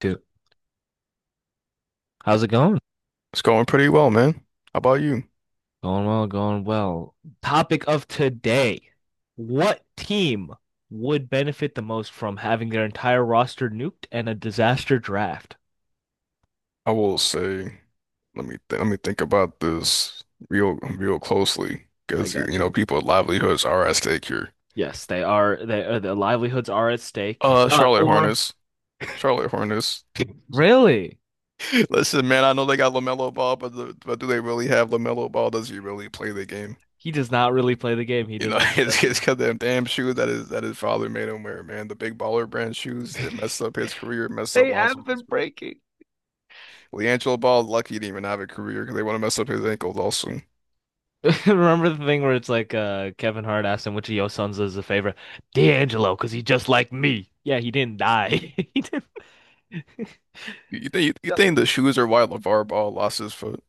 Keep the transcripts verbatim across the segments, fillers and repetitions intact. Two. How's it going? It's going pretty well, man. How about you? Going well, going well. Topic of today. What team would benefit the most from having their entire roster nuked and a disaster draft? I will say, let me th let me think about this real real closely I because got you know you. people's livelihoods are at stake here. Yes, they are. They are, their livelihoods are at stake. Uh, Uh, Charlotte or Hornets, Charlotte Hornets. Really? Listen, man, I know they got LaMelo Ball, but the, but do they really have LaMelo Ball? Does he really play the game? He does not really play the game. He You does know, not, does it's he? it's 'cause them damn shoes that his that his father made him wear, man. The big baller brand shoes that messed up his career, messed up They have been Lonzo's. breaking. LiAngelo Ball, lucky he didn't even have a career because they want to mess up his ankles also. Remember the thing where it's like uh Kevin Hart asked him which of your sons is a favorite? D'Angelo, because he just like me. Yeah, he didn't die. He didn't You think you think the shoes are why LeVar Ball lost his foot?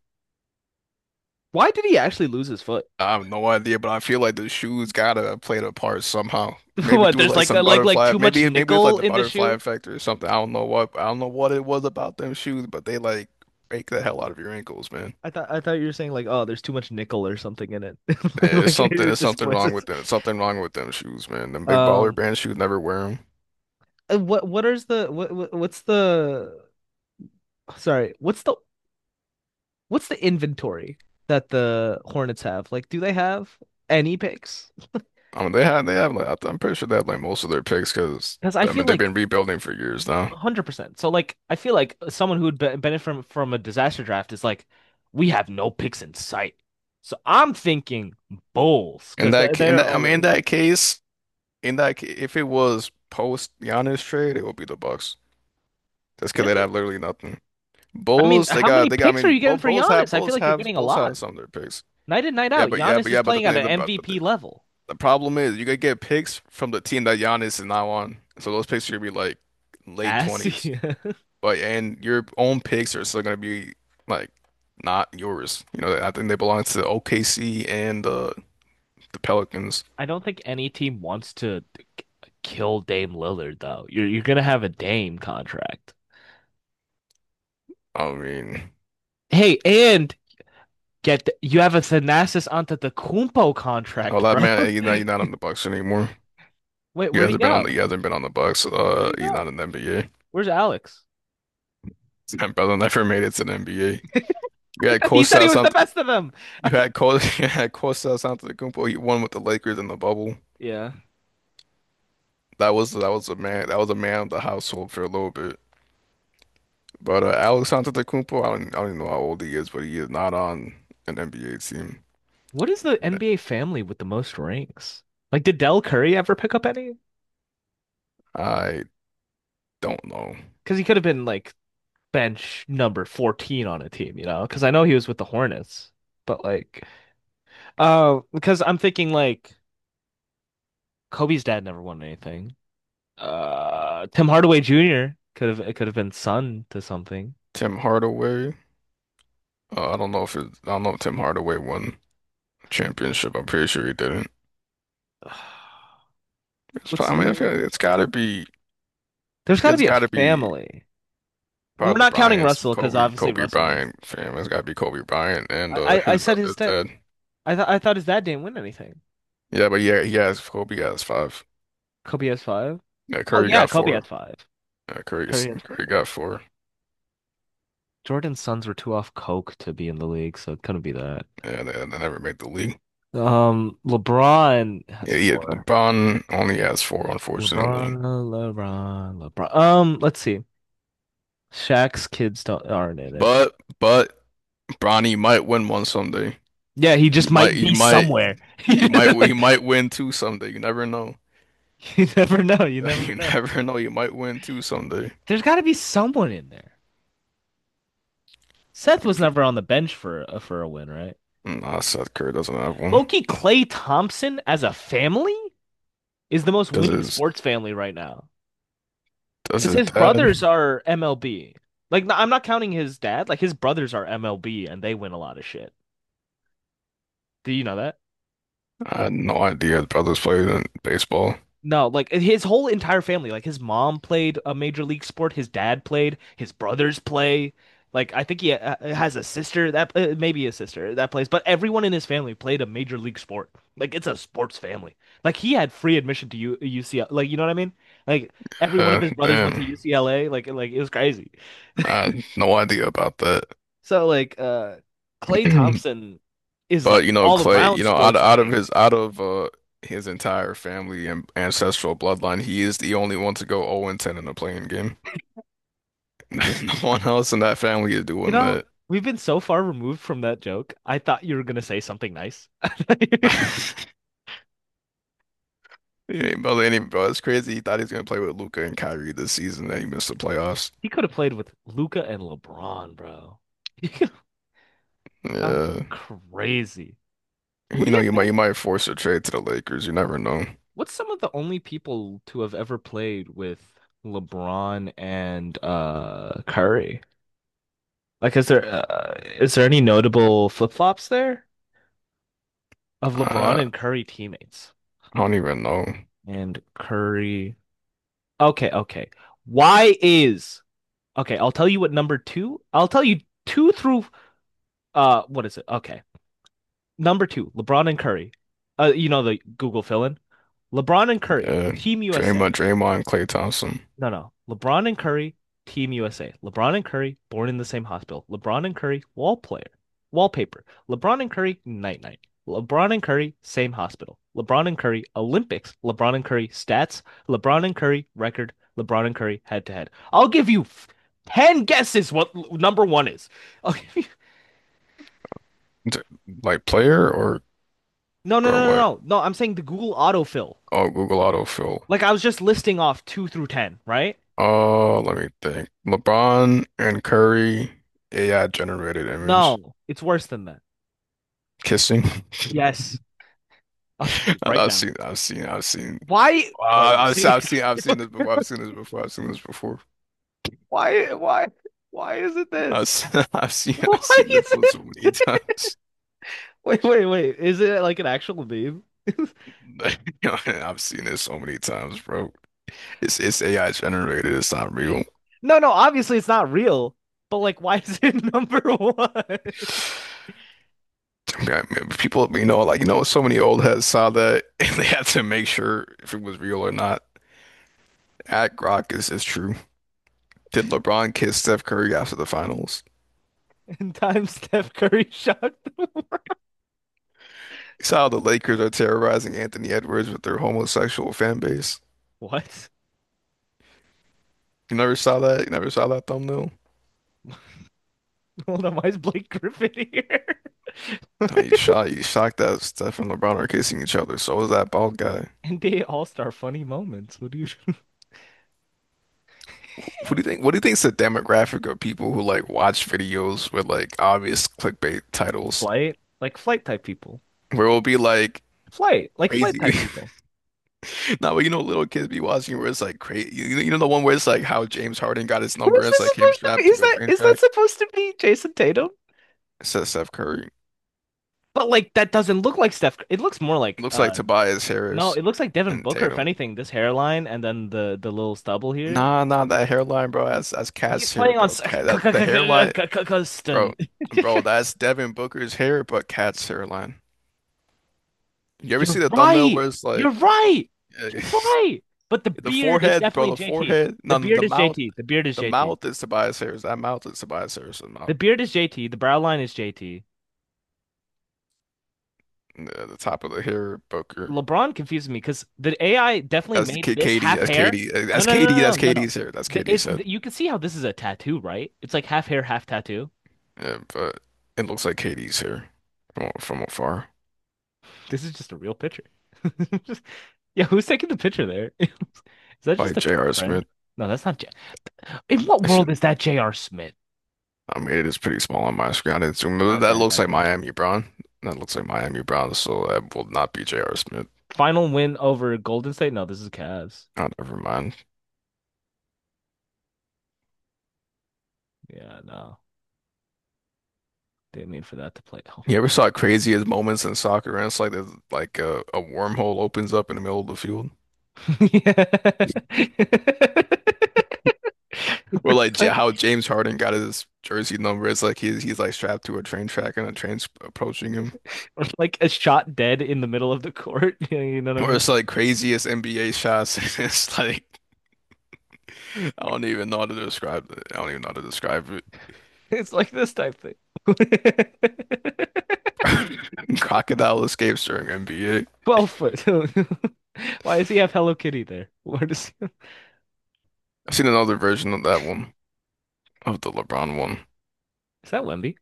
Why did he actually lose his foot? I have no idea, but I feel like the shoes gotta have played a part somehow. Maybe What, through there's like like a, some like like butterfly, too much maybe maybe it's like nickel the in the butterfly shoe? effect or something. I don't know what I don't know what it was about them shoes, but they like break the hell out of your ankles, man. I thought I thought you were saying like, oh, there's too much nickel or something in it. Like, Yeah, it's like something it it's just something wrong poisons. with them. Something wrong with them shoes, man. Them big baller Um, brand shoes never wear them. uh, what what is the what- what's the sorry, what's the what's the inventory that the Hornets have? Like, do they have any picks? I mean, they have they have like I th- I'm pretty sure they have like most of their picks because Because I I feel mean they've like been rebuilding for years now. a hundred percent. So like I feel like someone who would be benefit from from a disaster draft is like we have no picks in sight. So I'm thinking Bulls In because that, they're, ca- in they're that, I mean, in already that case, in that, ca- If it was post Giannis trade, it would be the Bucks. That's because they'd really. have literally nothing. I mean, Bulls, they how many got, they got. picks I are mean, you getting both for Bulls have, Giannis? I feel Bulls like you're have, getting a Bulls lot. have some of their picks. Night in, night Yeah, out, but yeah, Giannis but is yeah, but the playing at thing, an the, but but the, M V P level. the problem is you could get picks from the team that Giannis is now on. So those picks are gonna be like late As twenties, but and your own picks are still gonna be like not yours. You know, I think they belong to O K C and the the Pelicans. I don't think any team wants to k- kill Dame Lillard though. You're you're gonna have a Dame contract. I mean. Hey, and get th- you have a Thanasis Antetokounmpo Oh, contract, that bro. man, you're not, you're not on the Bucks anymore. Wait, You where'd he hasn't been on go? the you hasn't been on the Bucks. Where'd Uh, he You're go? not in the N B A. Where's Alex? Sam Bell never made it to the N B A. You had He said he Kostas was the Sant best of them. you had Kostas you had Kostas Antetokounmpo. He won with the Lakers in the bubble. Yeah. That was that was a man that was a man of the household for a little bit. But uh, Alex Antetokounmpo, I don't I don't even know how old he is, but he is not on an N B A team. What is the N B A family with the most rings? Like, did Dell Curry ever pick up any? I don't know. Because he could have been like bench number fourteen on a team, you know? Because I know he was with the Hornets, but like, uh, because I'm thinking like Kobe's dad never won anything. Uh, Tim Hardaway Junior could have it could have been son to something. Tim Hardaway. Uh, I don't know if it, I don't know if Tim Hardaway won a championship. I'm pretty sure he didn't. It's What's probably, I mean, I the... feel like it's gotta be, There's got to it's be a gotta be family. And part we're of the not counting Bryant's Russell because Kobe, obviously Kobe Russell wins. Bryant fam. It's gotta be Kobe Bryant and I, uh, I I his said his brother dad. Ted. I thought I thought his dad didn't win anything. Yeah, but yeah, he has Kobe has five. Kobe has five. Yeah, Well, Curry yeah, got Kobe has four. five. Yeah, Curry, Curry has Curry four. got four. Jordan's sons were too off coke to be in the league, so it couldn't be that. Yeah, they, they never made the league. Um, LeBron has Yeah, yeah, four. LeBron only has four, unfortunately. LeBron, LeBron, LeBron. Um, let's see. Shaq's kids don't aren't in it. But but Bronny might win one someday. Yeah, he He just might, might he be might, somewhere. he might, he might win two someday. You never know. You never know. You never You know. never know. You might win two someday. There's got to be someone in there. Seth was never on the bench for for a win, right? Mm, nah, Seth Curry doesn't have one. Loki Clay Thompson as a family is the most Does winning his sports family right now does because his his brothers dad? are M L B. Like, i I'm not counting his dad. Like, his brothers are M L B and they win a lot of shit. Do you know that? I had no idea his brothers played in baseball. No, like eh, his whole entire family, like his mom played a major league sport, his dad played, his brothers play. Like I think he uh, uh, has a sister that uh, maybe a sister that plays, but everyone in his family played a major league sport. Like it's a sports family. Like he had free admission to U UCLA. Like you know what I mean? Like every one of Yeah, his brothers went damn. to U C L A. Like like it was crazy. I had no idea about that. So like uh Klay Thompson is like But you know, all Clay, around you know, out sports out of winning. his out of uh his entire family and ancestral bloodline, he is the only one to go oh ten and ten in a playing game. No one else in that family is You doing know, that. we've been so far removed from that joke. I thought you were gonna say something nice. He ain't about to any bro. It's crazy. He thought he was gonna play with Luca and Kyrie this season, and he missed the playoffs. He could have played with Luca and LeBron, bro. That would have been Yeah. crazy. Would You he know, have you might you been? might force a trade to the Lakers. You never know. What's some of the only people to have ever played with LeBron and uh Curry? Like, is there uh, is there any notable flip-flops there of LeBron Uh, and Curry teammates? I don't even know. And Curry. Okay, okay. Why is Okay, I'll tell you what number two. I'll tell you two through uh what is it? Okay. Number two, LeBron and Curry. Uh you know the Google fill in. LeBron and Curry, Yeah, Team Draymond, U S A. Draymond, Klay Thompson, No, no. LeBron and Curry, Team U S A. LeBron and Curry, born in the same hospital. LeBron and Curry, wall player, wallpaper. LeBron and Curry, night night. LeBron and Curry, same hospital. LeBron and Curry, Olympics. LeBron and Curry, stats. LeBron and Curry, record. LeBron and Curry, head to head. I'll give you ten guesses what number one is. I'll give you... D like player or No, no, or no, no, what? no. No, I'm saying the Google autofill. Oh, Google autofill. Like I was just listing off two through ten, right? Oh, let me think. LeBron and Curry, A I generated image No, it's worse than that. kissing. Yes. I'll show I- you right I've now. seen, I've seen, I've seen. Why? Uh, What you I've, see? I've seen, I've seen this before. I've seen this before. I've seen this before. why why why is it I've, this? se- I've seen, why I've seen this is one it so many times. Wait, wait, wait, is it like an actual meme? Yo, I've seen this so many times, bro. It's it's A I generated. It's not real. No, no, obviously it's not real, but like, why is it number one? I mean, I mean, people, you know, like you know, so many old heads saw that, and they had to make sure if it was real or not. At Grok is is true. Did LeBron kiss Steph Curry after the finals? In time, Steph Curry shot. You saw how the Lakers are terrorizing Anthony Edwards with their homosexual fan base. What? You never saw that? You never saw that thumbnail? Hold on, why is Blake Griffin here? No, you shot. You shocked that Steph and LeBron are kissing each other. So was that bald guy. NBA all-star funny moments. What do you Who do you think? What do you think's the demographic of people who like watch videos with like obvious clickbait titles, Flight, like flight type people. where it'll be like Flight, like flight crazy? type people. Now, you know, little kids be watching where it's like crazy. You, you know the one where it's like how James Harden got his Who number. is It's this like him supposed to be? strapped Is to a that, train is that track. supposed to be Jason Tatum? It says Steph Curry. But like that doesn't look like Steph. It looks more It like looks like uh Tobias no, Harris it looks like Devin and Booker if Tatum. anything. This hairline and then the the little stubble here. Nah, nah, that hairline, bro. That's that's He's Cat's hair, playing on bro. s- c- Cat, c- that c- the c- hairline, c- c- bro, Custon. bro. That's Devin Booker's hair, but Cat's hairline. You ever You're see the thumbnail right. where it's You're like? right. You're right. But the The beard is forehead, bro, definitely the J T. forehead. The No, beard the is mouth. J T. The beard is The J T. mouth is Tobias Harris. That mouth is Tobias Harris. The The mouth, beard is J T. The brow line is J T. the, the top of the hair, Booker. LeBron confuses me because the A I definitely That's made K this Katie. half That's hair. Katie. uh, No, That's no, no, no, Katie. no, That's no. No. Katie's hair. That's The- Katie's It's head. You can see how this is a tattoo, right? It's like half hair, half tattoo. Yeah, but it looks like Katie's hair from from afar. This is just a real picture. Just- yeah, who's taking the picture there? Is that By just a J R. friend? Smith. No, that's not J. In what I world should, is that J R. Smith? I mean, it is pretty small on my screen. I didn't zoom. In. Okay, That I looks got like you. Miami Brown. That looks like Miami Brown. So that will not be J R. Smith. Final win over Golden State? No, this is Cavs. Oh, never mind. Yeah, no. Didn't mean for that to play. Oh. You ever saw craziest moments in soccer? And it's like there's like a, a wormhole opens up in the middle of the field, Yeah. or We're like Ja- like, how James Harden got his jersey number. It's like he's he's like strapped to a train track and a train's approaching him, we're like a shot dead in the middle of the court. You know what I or mean? it's like craziest N B A shots. It's like I don't even know how to describe it. I don't even know how to describe it. It's like this type thing. Crocodile escapes during N B A. twelve foot. Why does he have Hello Kitty there? Where does he... I've seen another version of that one, of the LeBron one. Is that Wemby?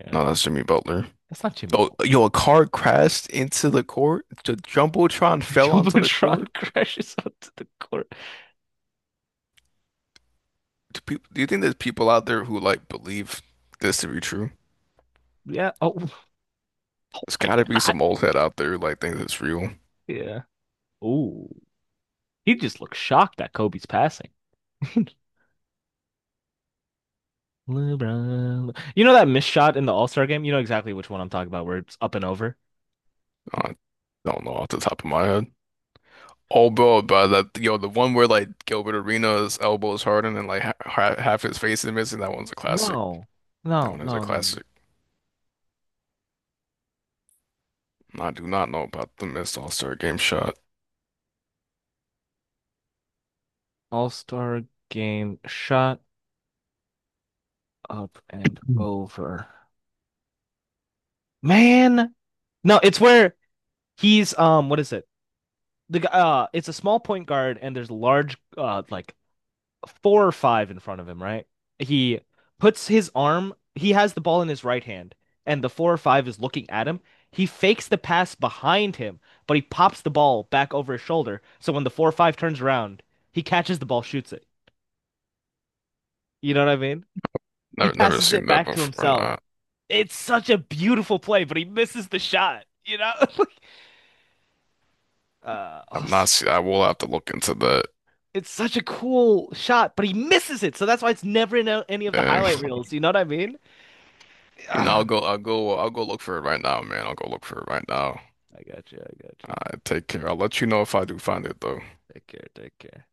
Yeah. No, that's Jimmy Butler. That's not Jimmy. Oh, yo, a car crashed into the court. The Jumbotron The fell onto the court. Jumbotron crashes onto the court. Do people, do you think there's people out there who like believe this to be true? Yeah. Oh There's my gotta be God. some old head out there who like thinks it's real. Yeah. Oh, he just looks shocked at Kobe's passing. LeBron. You know that missed shot in the All Star game? You know exactly which one I'm talking about, where it's up and over. I don't know off the top of my head. Oh, bro, but that yo, the one where like Gilbert Arenas' elbow is hardened and like ha ha- half his face is missing. That one's a classic. No, That no, one is a no, no. classic. I do not know about the missed All-Star game shot. All Star game shot up and Mm. over. Man, no, it's where He's um, what is it? The guy, uh, it's a small point guard, and there's large, uh, like four or five in front of him, right? He puts his arm, he has the ball in his right hand, and the four or five is looking at him. He fakes the pass behind him, but he pops the ball back over his shoulder. So when the four or five turns around, he catches the ball, shoots it. You know what I mean? He Never, never passes it seen that back to before. himself. Nah, It's such a beautiful play, but he misses the shot, you know? Uh, I've not awesome. seen. I will have to look into that. It's such a cool shot, but he misses it. So that's why it's never in a- any of the And, highlight reels. You know what I mean? you know, I'll Ah, go, I'll go, I'll go look for it right now, man. I'll go look for it right now. I got you. I got you. I take care. I'll let you know if I do find it though. Take care. Take care.